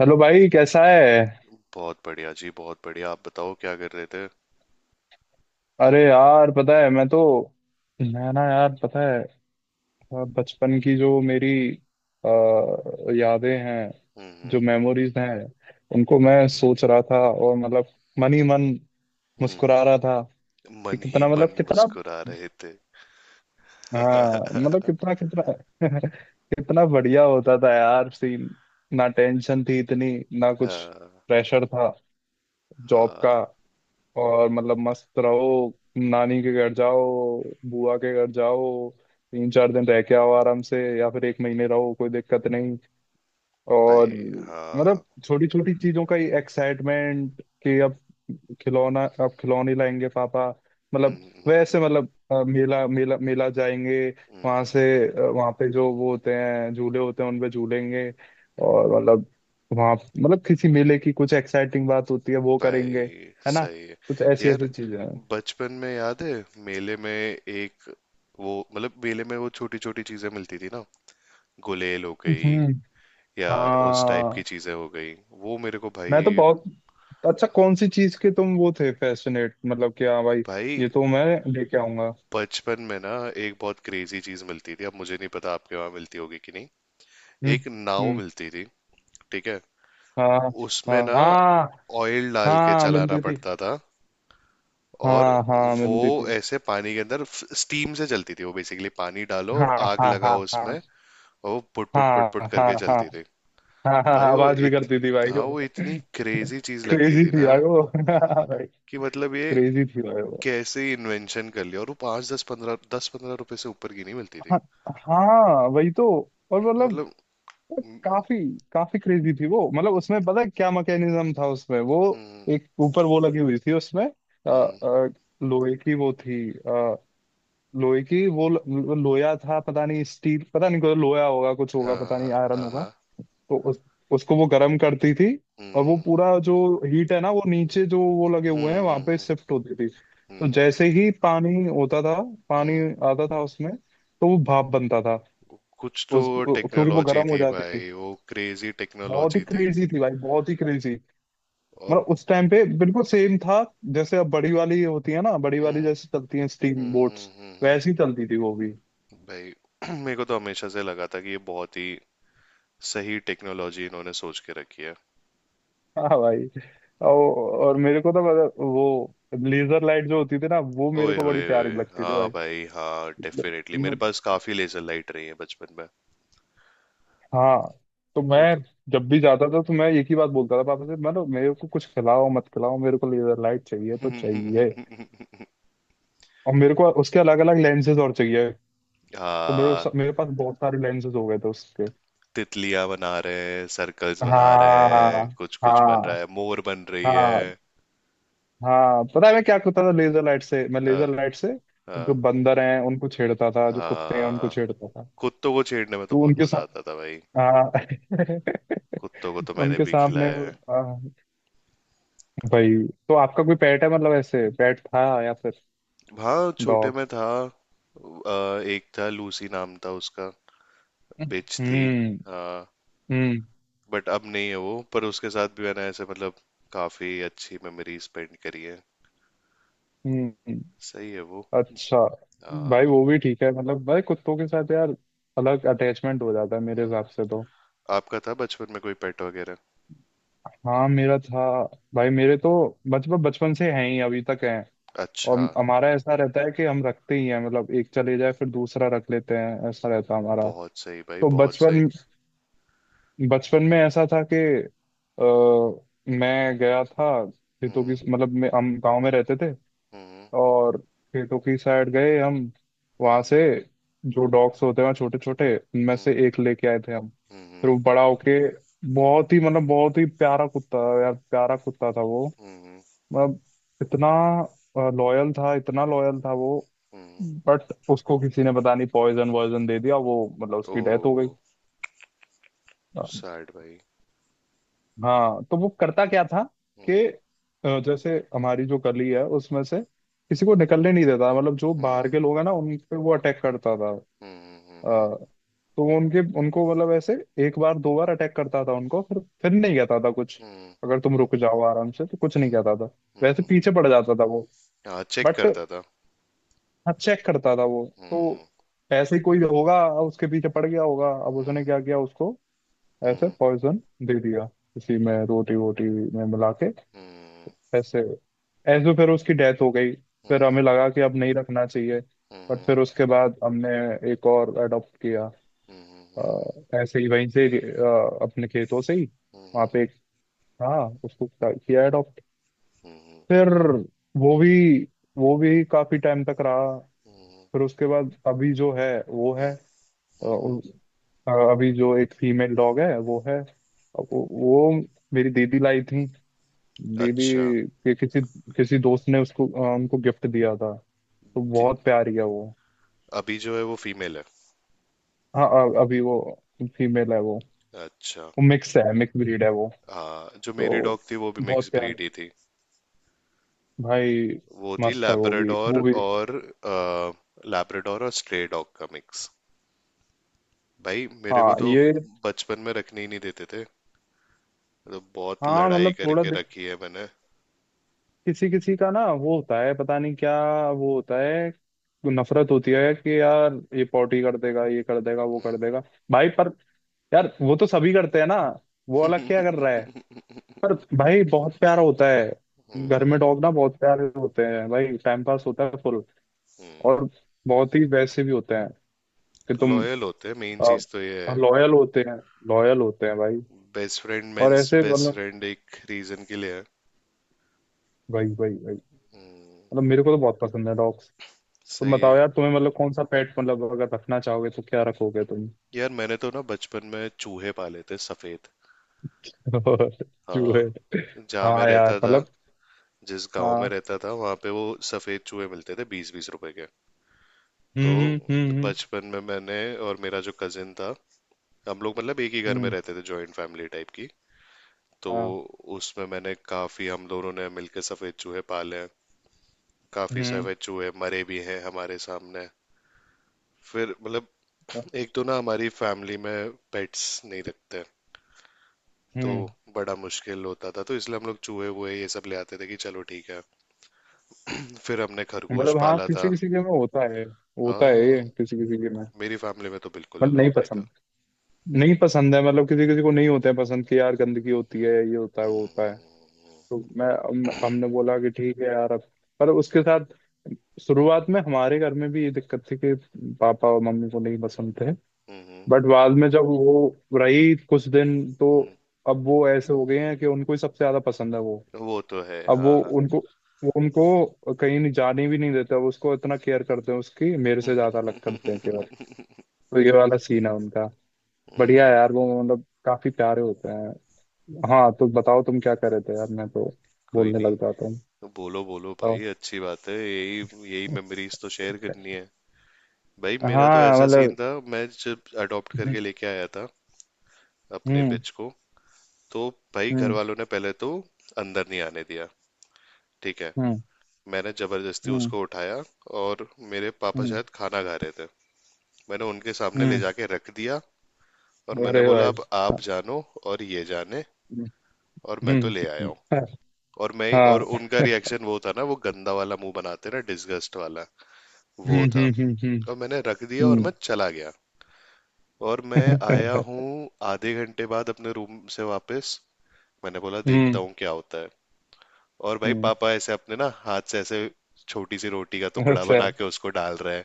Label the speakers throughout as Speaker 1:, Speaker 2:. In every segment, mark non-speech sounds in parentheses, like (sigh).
Speaker 1: Hello भाई, कैसा है।
Speaker 2: बहुत बढ़िया जी, बहुत बढ़िया। आप बताओ, क्या कर रहे थे?
Speaker 1: अरे यार, पता है, मैं ना यार, पता है, बचपन की जो मेरी यादें हैं, जो
Speaker 2: हम्म।
Speaker 1: मेमोरीज हैं, उनको मैं सोच रहा था और मतलब मन ही मन
Speaker 2: हम्म।
Speaker 1: मुस्कुरा रहा था। कि
Speaker 2: मन ही
Speaker 1: कितना,
Speaker 2: मन
Speaker 1: मतलब कितना,
Speaker 2: मुस्कुरा रहे थे।
Speaker 1: हाँ मतलब कितना कितना (laughs) कितना बढ़िया होता था यार सीन। ना टेंशन थी इतनी, ना कुछ
Speaker 2: हाँ।
Speaker 1: प्रेशर था जॉब का।
Speaker 2: हाँ
Speaker 1: और मतलब मस्त रहो, नानी के घर जाओ, बुआ के घर जाओ, तीन चार दिन रह के आओ आराम से, या फिर एक महीने रहो, कोई दिक्कत नहीं।
Speaker 2: भाई,
Speaker 1: और मतलब
Speaker 2: हाँ।
Speaker 1: छोटी छोटी चीजों का ही एक्साइटमेंट, कि अब खिलौना, आप खिलौने लाएंगे पापा, मतलब।
Speaker 2: हम्म।
Speaker 1: वैसे मतलब मेला मेला मेला जाएंगे,
Speaker 2: हम्म।
Speaker 1: वहां
Speaker 2: हम्म।
Speaker 1: से, वहां पे जो वो होते हैं, झूले होते हैं उनपे झूलेंगे, और मतलब वहां, मतलब किसी मेले की कुछ एक्साइटिंग बात होती है, वो करेंगे,
Speaker 2: भाई
Speaker 1: है ना।
Speaker 2: सही है।
Speaker 1: कुछ ऐसी
Speaker 2: यार,
Speaker 1: ऐसी चीजें हैं।
Speaker 2: बचपन में याद है मेले में एक, वो मतलब मेले में वो छोटी छोटी चीजें मिलती थी ना, गुलेल हो गई
Speaker 1: हम्म।
Speaker 2: या उस टाइप की
Speaker 1: हाँ।
Speaker 2: चीजें हो गई, वो मेरे को
Speaker 1: मैं तो
Speaker 2: भाई।
Speaker 1: बहुत अच्छा, कौन सी चीज के तुम वो थे फैसिनेट, मतलब कि हाँ भाई,
Speaker 2: भाई
Speaker 1: ये तो मैं लेके आऊंगा।
Speaker 2: बचपन में ना, एक बहुत क्रेजी चीज मिलती थी। अब मुझे नहीं पता आपके वहां मिलती होगी कि नहीं।
Speaker 1: हम्म।
Speaker 2: एक नाव
Speaker 1: हम्म।
Speaker 2: मिलती थी, ठीक है?
Speaker 1: हाँ,
Speaker 2: उसमें
Speaker 1: हाँ,
Speaker 2: ना,
Speaker 1: हाँ,
Speaker 2: ऑयल डाल के
Speaker 1: हाँ,
Speaker 2: चलाना
Speaker 1: मिलती थी।
Speaker 2: पड़ता था। और
Speaker 1: हाँ, हाँ,
Speaker 2: वो
Speaker 1: मिलती थी।
Speaker 2: ऐसे पानी के अंदर स्टीम से चलती थी। वो बेसिकली पानी डालो
Speaker 1: हाँ,
Speaker 2: और आग
Speaker 1: हाँ, हाँ,
Speaker 2: लगाओ उसमें।
Speaker 1: हाँ,
Speaker 2: और वो पुट पुट पुट
Speaker 1: हाँ,
Speaker 2: पुट
Speaker 1: हाँ,
Speaker 2: करके
Speaker 1: हाँ,
Speaker 2: चलती थी।
Speaker 1: हाँ, हाँ, हाँ,
Speaker 2: भाई वो
Speaker 1: आवाज भी
Speaker 2: इत
Speaker 1: करती थी भाई
Speaker 2: हाँ,
Speaker 1: वो।
Speaker 2: वो इतनी क्रेजी चीज लगती
Speaker 1: क्रेजी
Speaker 2: थी
Speaker 1: थी
Speaker 2: ना
Speaker 1: भाई वो (laughs) भाई,
Speaker 2: कि मतलब ये
Speaker 1: क्रेजी थी भाई वो।
Speaker 2: कैसे इन्वेंशन कर लिया। और वो 5, दस पंद्रह रुपए से ऊपर की नहीं मिलती थी।
Speaker 1: हाँ, हाँ, वही तो। और
Speaker 2: तो
Speaker 1: मतलब
Speaker 2: मतलब। हम्म।
Speaker 1: काफी काफी क्रेजी थी वो, मतलब उसमें पता है क्या मैकेनिज्म था, उसमें वो
Speaker 2: हम्म।
Speaker 1: एक ऊपर वो लगी हुई थी उसमें,
Speaker 2: हम्म।
Speaker 1: लोहे की वो थी अ, लोहे की वो लोया था, पता नहीं, स्टील, पता नहीं, कोई लोया होगा कुछ
Speaker 2: हाँ।
Speaker 1: होगा, पता नहीं
Speaker 2: हाँ।
Speaker 1: आयरन
Speaker 2: हाँ।
Speaker 1: होगा।
Speaker 2: हाँ।
Speaker 1: तो उसको वो गर्म करती थी। और वो
Speaker 2: हम्म।
Speaker 1: पूरा जो हीट है ना, वो नीचे जो वो लगे हुए
Speaker 2: हम्म।
Speaker 1: हैं वहां पे
Speaker 2: हम्म।
Speaker 1: शिफ्ट होती थी। तो
Speaker 2: हम्म।
Speaker 1: जैसे ही पानी
Speaker 2: हम्म।
Speaker 1: आता था उसमें, तो वो भाप बनता था,
Speaker 2: कुछ तो
Speaker 1: उस क्योंकि वो
Speaker 2: टेक्नोलॉजी
Speaker 1: गर्म हो
Speaker 2: थी
Speaker 1: जाती थी।
Speaker 2: भाई, वो क्रेजी
Speaker 1: बहुत ही
Speaker 2: टेक्नोलॉजी थी।
Speaker 1: क्रेजी थी भाई, बहुत ही क्रेजी।
Speaker 2: और
Speaker 1: मतलब उस टाइम पे बिल्कुल सेम था, जैसे अब बड़ी वाली होती है ना, बड़ी
Speaker 2: हम्म।
Speaker 1: वाली जैसे चलती है स्टीम
Speaker 2: हम्म। हम्म।
Speaker 1: बोट्स,
Speaker 2: हम्म। हम्म।
Speaker 1: वैसी चलती थी वो भी।
Speaker 2: भाई (clears throat) मेरे को तो हमेशा से लगा था कि ये बहुत ही सही टेक्नोलॉजी इन्होंने सोच के रखी है।
Speaker 1: हाँ भाई। और, और मेरे को तो मतलब वो लेजर लाइट जो होती थी ना, वो मेरे
Speaker 2: ओए
Speaker 1: को बड़ी
Speaker 2: होए
Speaker 1: प्यारी
Speaker 2: होए!
Speaker 1: लगती थी
Speaker 2: हाँ
Speaker 1: भाई।
Speaker 2: भाई, हाँ, डेफिनेटली मेरे
Speaker 1: हम्म।
Speaker 2: पास काफी लेजर लाइट रही है बचपन में।
Speaker 1: हाँ, तो मैं
Speaker 2: वो तो
Speaker 1: जब भी जाता था तो मैं एक ही बात बोलता था पापा से, मतलब मेरे को कुछ खिलाओ मत खिलाओ, मेरे को लेजर लाइट चाहिए तो चाहिए।
Speaker 2: (laughs)
Speaker 1: और मेरे को उसके अलग अलग लेंसेज और चाहिए। तो
Speaker 2: हाँ।
Speaker 1: मेरे पास बहुत सारे लेंसेज हो गए थे उसके।
Speaker 2: तितलियां बना रहे हैं, सर्कल्स बना रहे हैं,
Speaker 1: हाँ,
Speaker 2: कुछ कुछ बन
Speaker 1: हाँ,
Speaker 2: रहा है, मोर बन रही
Speaker 1: हाँ,
Speaker 2: है।
Speaker 1: हाँ, पता है मैं क्या करता था लेजर लाइट से?
Speaker 2: हाँ।
Speaker 1: जो
Speaker 2: हाँ।
Speaker 1: बंदर हैं उनको छेड़ता था, जो कुत्ते हैं उनको
Speaker 2: हाँ।
Speaker 1: छेड़ता था।
Speaker 2: कुत्तों को छेड़ने में तो
Speaker 1: तो
Speaker 2: बहुत
Speaker 1: उनके
Speaker 2: मजा
Speaker 1: साथ,
Speaker 2: आता था भाई।
Speaker 1: हाँ,
Speaker 2: कुत्तों को तो
Speaker 1: (laughs)
Speaker 2: मैंने
Speaker 1: उनके
Speaker 2: भी
Speaker 1: सामने
Speaker 2: खिलाया है।
Speaker 1: भाई। तो आपका कोई पेट है, मतलब ऐसे पेट था, या फिर
Speaker 2: हाँ, छोटे
Speaker 1: डॉग?
Speaker 2: में था। एक था, लूसी नाम था उसका। बिच थी।
Speaker 1: हम्म।
Speaker 2: हाँ।
Speaker 1: हम्म।
Speaker 2: बट अब नहीं है वो, पर उसके साथ भी मैंने ऐसे मतलब काफी अच्छी मेमोरी स्पेंड करी है।
Speaker 1: हम्म।
Speaker 2: सही है वो।
Speaker 1: अच्छा। भाई
Speaker 2: हाँ।
Speaker 1: वो भी ठीक है, मतलब भाई कुत्तों के साथ यार अलग अटैचमेंट हो जाता है मेरे
Speaker 2: हम्म।
Speaker 1: हिसाब से तो।
Speaker 2: आपका था बचपन में कोई पेट वगैरह?
Speaker 1: हाँ, मेरा था भाई। मेरे तो बचपन बचपन से हैं ही, अभी तक हैं।
Speaker 2: अच्छा।
Speaker 1: और हमारा ऐसा रहता है कि हम रखते ही हैं, मतलब एक चले जाए फिर दूसरा रख लेते हैं, ऐसा रहता है हमारा।
Speaker 2: बहुत सही भाई,
Speaker 1: तो
Speaker 2: बहुत सही।
Speaker 1: बचपन बचपन में ऐसा था कि मैं गया था खेतों की,
Speaker 2: हम्म।
Speaker 1: मतलब मैं हम गांव में रहते थे।
Speaker 2: हम्म।
Speaker 1: और खेतों की साइड गए हम, वहां
Speaker 2: हम्म।
Speaker 1: से जो डॉग्स होते हैं छोटे छोटे उनमें
Speaker 2: हम्म।
Speaker 1: से एक लेके आए थे हम। फिर
Speaker 2: हम्म।
Speaker 1: वो बड़ा होके बहुत ही प्यारा कुत्ता, यार प्यारा कुत्ता था वो।
Speaker 2: हम्म। हम्म।
Speaker 1: मतलब इतना लॉयल था, इतना लॉयल था वो।
Speaker 2: हम्म।
Speaker 1: बट उसको किसी ने पता नहीं पॉइजन वॉइजन दे दिया, वो मतलब
Speaker 2: ओ,
Speaker 1: उसकी डेथ हो गई।
Speaker 2: सैड भाई।
Speaker 1: हाँ। तो वो करता क्या था कि
Speaker 2: हम्म।
Speaker 1: जैसे हमारी जो गली है उसमें से किसी को निकलने नहीं देता, मतलब जो बाहर
Speaker 2: हम्म।
Speaker 1: के लोग हैं ना, उन पे वो अटैक करता था। अ,
Speaker 2: हम्म। हम्म। हम्म।
Speaker 1: तो वो उनके उनको मतलब ऐसे एक बार दो बार अटैक करता था उनको, फिर नहीं कहता था कुछ।
Speaker 2: हम्म।
Speaker 1: अगर तुम रुक जाओ आराम से तो कुछ नहीं कहता था, वैसे
Speaker 2: हम्म।
Speaker 1: पीछे पड़ जाता था वो।
Speaker 2: हाँ, चेक
Speaker 1: बट
Speaker 2: करता था।
Speaker 1: हाँ, चेक करता था वो
Speaker 2: हम्म।
Speaker 1: तो। ऐसे ही कोई होगा, उसके पीछे पड़ गया होगा, अब
Speaker 2: हम्म।
Speaker 1: उसने क्या किया उसको ऐसे
Speaker 2: हम्म।
Speaker 1: पॉइजन दे दिया किसी में, रोटी वोटी में मिला के,
Speaker 2: हम्म।
Speaker 1: ऐसे ऐसे। तो फिर उसकी डेथ हो गई। फिर
Speaker 2: हम्म।
Speaker 1: हमें लगा कि अब नहीं रखना चाहिए। बट
Speaker 2: हम्म।
Speaker 1: फिर उसके बाद हमने एक और अडॉप्ट किया,
Speaker 2: हम्म। हम्म।
Speaker 1: ऐसे ही वहीं से, अपने खेतों से ही, वहाँ
Speaker 2: हम्म।
Speaker 1: पे एक था, उसको किया अडॉप्ट।
Speaker 2: हम्म।
Speaker 1: फिर वो भी वो भी काफी टाइम तक रहा।
Speaker 2: हम्म।
Speaker 1: फिर उसके बाद अभी जो है वो है,
Speaker 2: हम्म। हम्म।
Speaker 1: उ- अभी जो एक फीमेल डॉग है वो है अब, वो मेरी दीदी लाई थी, दीदी
Speaker 2: अच्छा।
Speaker 1: के किसी किसी दोस्त ने उसको, उनको गिफ्ट दिया था, तो
Speaker 2: ती-
Speaker 1: बहुत प्यारी है वो।
Speaker 2: अभी जो है वो फीमेल है?
Speaker 1: हाँ, अभी वो फीमेल है वो
Speaker 2: अच्छा।
Speaker 1: वो मिक्स है, मिक्स ब्रीड है वो।
Speaker 2: हाँ, जो मेरी
Speaker 1: तो
Speaker 2: डॉग थी वो भी मिक्स
Speaker 1: बहुत प्यार
Speaker 2: ब्रीड ही थी।
Speaker 1: भाई,
Speaker 2: वो थी
Speaker 1: मस्त है वो भी
Speaker 2: लैब्राडोर और लैब्राडोर और स्ट्रे डॉग का मिक्स। भाई मेरे को
Speaker 1: हाँ
Speaker 2: तो
Speaker 1: ये,
Speaker 2: बचपन में रखने ही नहीं देते थे। तो बहुत
Speaker 1: हाँ
Speaker 2: लड़ाई
Speaker 1: मतलब थोड़ा
Speaker 2: करके रखी है मैंने।
Speaker 1: किसी किसी का ना वो होता है, पता नहीं क्या, वो होता है नफरत होती है कि यार ये पॉटी कर देगा, ये कर देगा वो कर देगा। भाई पर यार वो तो सभी करते हैं ना, वो अलग क्या कर रहा है? पर भाई बहुत प्यारा होता है। घर
Speaker 2: हम्म।
Speaker 1: में डॉग ना बहुत प्यारे होते हैं भाई, टाइम पास होता है फुल, और बहुत ही वैसे भी होते हैं। कि तुम
Speaker 2: लॉयल होते हैं, मेन चीज तो ये है।
Speaker 1: लॉयल होते हैं, लॉयल होते हैं भाई।
Speaker 2: बेस्ट फ्रेंड,
Speaker 1: और
Speaker 2: मेंस
Speaker 1: ऐसे
Speaker 2: बेस्ट
Speaker 1: मतलब,
Speaker 2: फ्रेंड एक रीजन के लिए है।
Speaker 1: भाई भाई भाई, मतलब मेरे को तो बहुत पसंद है डॉग्स। तुम
Speaker 2: सही है।
Speaker 1: बताओ यार, तुम्हें मतलब कौन सा पेट, मतलब अगर रखना चाहोगे तो क्या रखोगे तुम?
Speaker 2: यार, मैंने तो ना बचपन में चूहे पाले थे, सफेद।
Speaker 1: (laughs) और चूहे?
Speaker 2: हाँ। जहाँ मैं
Speaker 1: हाँ
Speaker 2: रहता
Speaker 1: यार
Speaker 2: था
Speaker 1: मतलब,
Speaker 2: जिस गांव में
Speaker 1: हाँ।
Speaker 2: रहता था वहां पे वो सफेद चूहे मिलते थे 20-20 रुपए के। तो
Speaker 1: हम्म। हम्म। हम्म।
Speaker 2: बचपन में मैंने, और मेरा जो कजिन था, हम लोग मतलब एक ही घर में
Speaker 1: हम्म।
Speaker 2: रहते थे, जॉइंट फैमिली टाइप की। तो
Speaker 1: हाँ।
Speaker 2: उसमें मैंने काफी हम दोनों ने मिलके सफेद चूहे पाले हैं। काफी
Speaker 1: हम्म।
Speaker 2: सफेद चूहे मरे भी हैं हमारे सामने। फिर मतलब, एक तो ना हमारी फैमिली में पेट्स नहीं रखते। तो
Speaker 1: हम्म।
Speaker 2: बड़ा मुश्किल होता था, तो इसलिए हम लोग चूहे वूहे ये सब ले आते थे कि चलो ठीक है। (clears throat) फिर हमने खरगोश
Speaker 1: मतलब हाँ,
Speaker 2: पाला
Speaker 1: किसी
Speaker 2: था।
Speaker 1: किसी के में होता है, होता है
Speaker 2: हाँ,
Speaker 1: ये, किसी किसी के में।
Speaker 2: मेरी फैमिली में तो बिल्कुल
Speaker 1: मतलब
Speaker 2: अलाउड नहीं था।
Speaker 1: नहीं पसंद है, मतलब किसी किसी को नहीं होते हैं पसंद, कि यार गंदगी होती है, ये होता है वो होता है।
Speaker 2: हम्म।
Speaker 1: तो हमने बोला कि ठीक है यार अब। पर उसके साथ शुरुआत में हमारे घर में भी ये दिक्कत थी कि पापा और मम्मी को नहीं पसंद थे।
Speaker 2: हम्म। हम्म।
Speaker 1: बट बाद में जब वो रही कुछ दिन तो
Speaker 2: हम्म।
Speaker 1: अब वो ऐसे हो गए हैं कि उनको ही सबसे ज्यादा पसंद है वो।
Speaker 2: हम्म। वो तो है,
Speaker 1: अब
Speaker 2: हाँ।
Speaker 1: वो उनको कहीं नहीं जाने भी नहीं देते, वो उसको इतना केयर करते हैं, उसकी मेरे से ज्यादा अलग करते हैं केयर। तो ये वाला सीन है उनका। बढ़िया है
Speaker 2: हम्म।
Speaker 1: यार, वो मतलब काफी प्यारे होते हैं। हाँ, तो बताओ तुम क्या कर रहे थे यार? मैं तो
Speaker 2: कोई
Speaker 1: बोलने लग
Speaker 2: नहीं।
Speaker 1: जाता हूँ,
Speaker 2: बोलो बोलो भाई,
Speaker 1: बताओ।
Speaker 2: अच्छी बात है यही। यही मेमोरीज तो शेयर करनी है। भाई मेरा तो
Speaker 1: हाँ
Speaker 2: ऐसा सीन
Speaker 1: मतलब।
Speaker 2: था। मैं जब अडॉप्ट करके लेके आया था अपने
Speaker 1: हम्म।
Speaker 2: बिच को, तो भाई घर
Speaker 1: हम्म।
Speaker 2: वालों ने पहले तो अंदर नहीं आने दिया, ठीक है।
Speaker 1: हम्म।
Speaker 2: मैंने जबरदस्ती
Speaker 1: हम्म।
Speaker 2: उसको उठाया और मेरे पापा
Speaker 1: हम्म।
Speaker 2: शायद खाना खा रहे थे। मैंने उनके सामने ले
Speaker 1: हम्म।
Speaker 2: जाके रख दिया और मैंने
Speaker 1: अरे
Speaker 2: बोला
Speaker 1: भाई।
Speaker 2: अब आप जानो और ये जाने,
Speaker 1: हम्म।
Speaker 2: और मैं तो ले आया हूँ।
Speaker 1: हम्म।
Speaker 2: और
Speaker 1: हाँ।
Speaker 2: उनका रिएक्शन वो था ना, वो गंदा वाला मुंह बनाते ना, डिसगस्ट वाला,
Speaker 1: हम्म।
Speaker 2: वो था।
Speaker 1: हम्म। हम्म।
Speaker 2: और मैंने रख दिया और
Speaker 1: हम्म।
Speaker 2: मैं चला गया। और मैं आया
Speaker 1: हम्म।
Speaker 2: हूँ आधे घंटे बाद अपने रूम से वापस। मैंने बोला
Speaker 1: हम्म।
Speaker 2: देखता हूँ क्या होता है। और भाई
Speaker 1: हम्म।
Speaker 2: पापा ऐसे अपने ना हाथ से ऐसे छोटी सी रोटी का टुकड़ा
Speaker 1: अच्छा।
Speaker 2: बना के उसको डाल रहे हैं।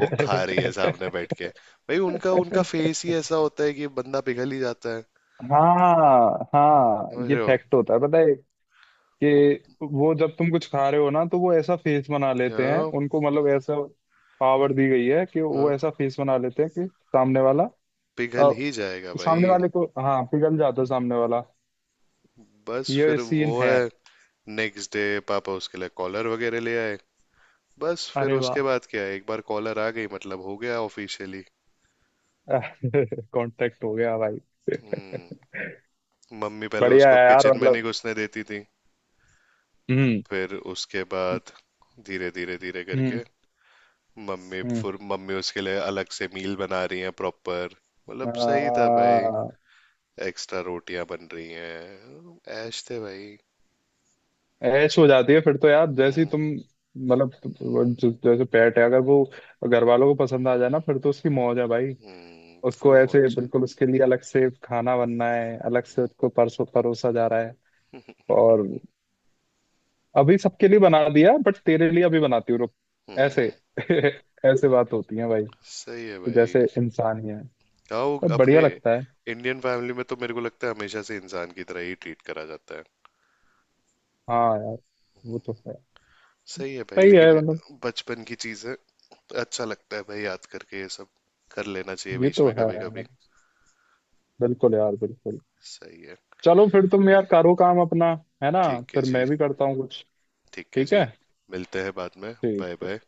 Speaker 2: वो खा रही है सामने बैठ के। भाई उनका उनका फेस ही ऐसा होता है कि बंदा पिघल ही जाता है।
Speaker 1: हाँ, हाँ,
Speaker 2: समझ
Speaker 1: ये
Speaker 2: रहे हो?
Speaker 1: फैक्ट होता है पता है,
Speaker 2: वो-
Speaker 1: कि वो जब तुम कुछ खा रहे हो ना, तो वो ऐसा फेस बना लेते हैं
Speaker 2: हाँ।
Speaker 1: उनको, मतलब ऐसा पावर दी गई है कि वो
Speaker 2: हाँ।
Speaker 1: ऐसा फेस बना लेते हैं कि सामने वाला,
Speaker 2: पिघल
Speaker 1: अ,
Speaker 2: ही जाएगा
Speaker 1: सामने
Speaker 2: भाई।
Speaker 1: वाले को, हाँ पिघल जाता है सामने वाला,
Speaker 2: बस
Speaker 1: ये
Speaker 2: फिर वो
Speaker 1: सीन है।
Speaker 2: है, नेक्स्ट डे पापा उसके लिए कॉलर वगैरह ले आए। बस फिर
Speaker 1: अरे
Speaker 2: उसके
Speaker 1: वाह!
Speaker 2: बाद क्या है, एक बार कॉलर आ गई मतलब हो गया ऑफिशियली।
Speaker 1: (laughs) कांटेक्ट हो गया भाई। (laughs)
Speaker 2: हम्म। मम्मी पहले
Speaker 1: बढ़िया
Speaker 2: उसको
Speaker 1: है यार
Speaker 2: किचन में
Speaker 1: मतलब।
Speaker 2: नहीं घुसने देती थी।
Speaker 1: हम्म।
Speaker 2: फिर उसके बाद धीरे धीरे धीरे करके
Speaker 1: हम्म। हम्म।
Speaker 2: मम्मी उसके लिए अलग से मील बना रही हैं प्रॉपर। मतलब सही था भाई,
Speaker 1: आ,
Speaker 2: एक्स्ट्रा रोटियां बन रही हैं। ऐश थे भाई।
Speaker 1: ऐश हो जाती है फिर तो यार, जैसे ही
Speaker 2: हम्म।
Speaker 1: तुम, मतलब जैसे पेट है अगर वो घर वालों को पसंद आ जाए ना, फिर तो उसकी मौज है भाई।
Speaker 2: हम्म। फुल
Speaker 1: उसको
Speaker 2: मौज
Speaker 1: ऐसे
Speaker 2: से।
Speaker 1: बिल्कुल, उसके लिए अलग से खाना बनना है, अलग से उसको परसों परोसा जा रहा है। और अभी सबके लिए बना दिया, बट तेरे लिए अभी बनाती हूँ रुक, ऐसे
Speaker 2: हम्म।
Speaker 1: (laughs) ऐसे बात होती है भाई,
Speaker 2: सही है
Speaker 1: कि
Speaker 2: भाई।
Speaker 1: जैसे इंसान ही है,
Speaker 2: हाँ, वो
Speaker 1: तो बढ़िया
Speaker 2: अपने
Speaker 1: लगता है।
Speaker 2: इंडियन फैमिली में तो मेरे को लगता है हमेशा से इंसान की तरह ही ट्रीट करा जाता है।
Speaker 1: हाँ यार वो तो है,
Speaker 2: सही है भाई,
Speaker 1: सही है
Speaker 2: लेकिन
Speaker 1: मतलब।
Speaker 2: बचपन की चीजें तो अच्छा लगता है भाई याद करके ये सब। कर लेना चाहिए
Speaker 1: ये
Speaker 2: बीच
Speaker 1: तो
Speaker 2: में
Speaker 1: है
Speaker 2: कभी
Speaker 1: यार,
Speaker 2: कभी।
Speaker 1: बिल्कुल यार, बिल्कुल।
Speaker 2: सही है।
Speaker 1: चलो फिर, तुम यार करो काम अपना, है ना।
Speaker 2: ठीक है
Speaker 1: फिर
Speaker 2: जी।
Speaker 1: मैं भी करता हूँ कुछ।
Speaker 2: ठीक है
Speaker 1: ठीक
Speaker 2: जी।
Speaker 1: है।
Speaker 2: मिलते हैं बाद में।
Speaker 1: ठीक
Speaker 2: बाय
Speaker 1: है।
Speaker 2: बाय।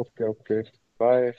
Speaker 1: Okay, okay. बाय।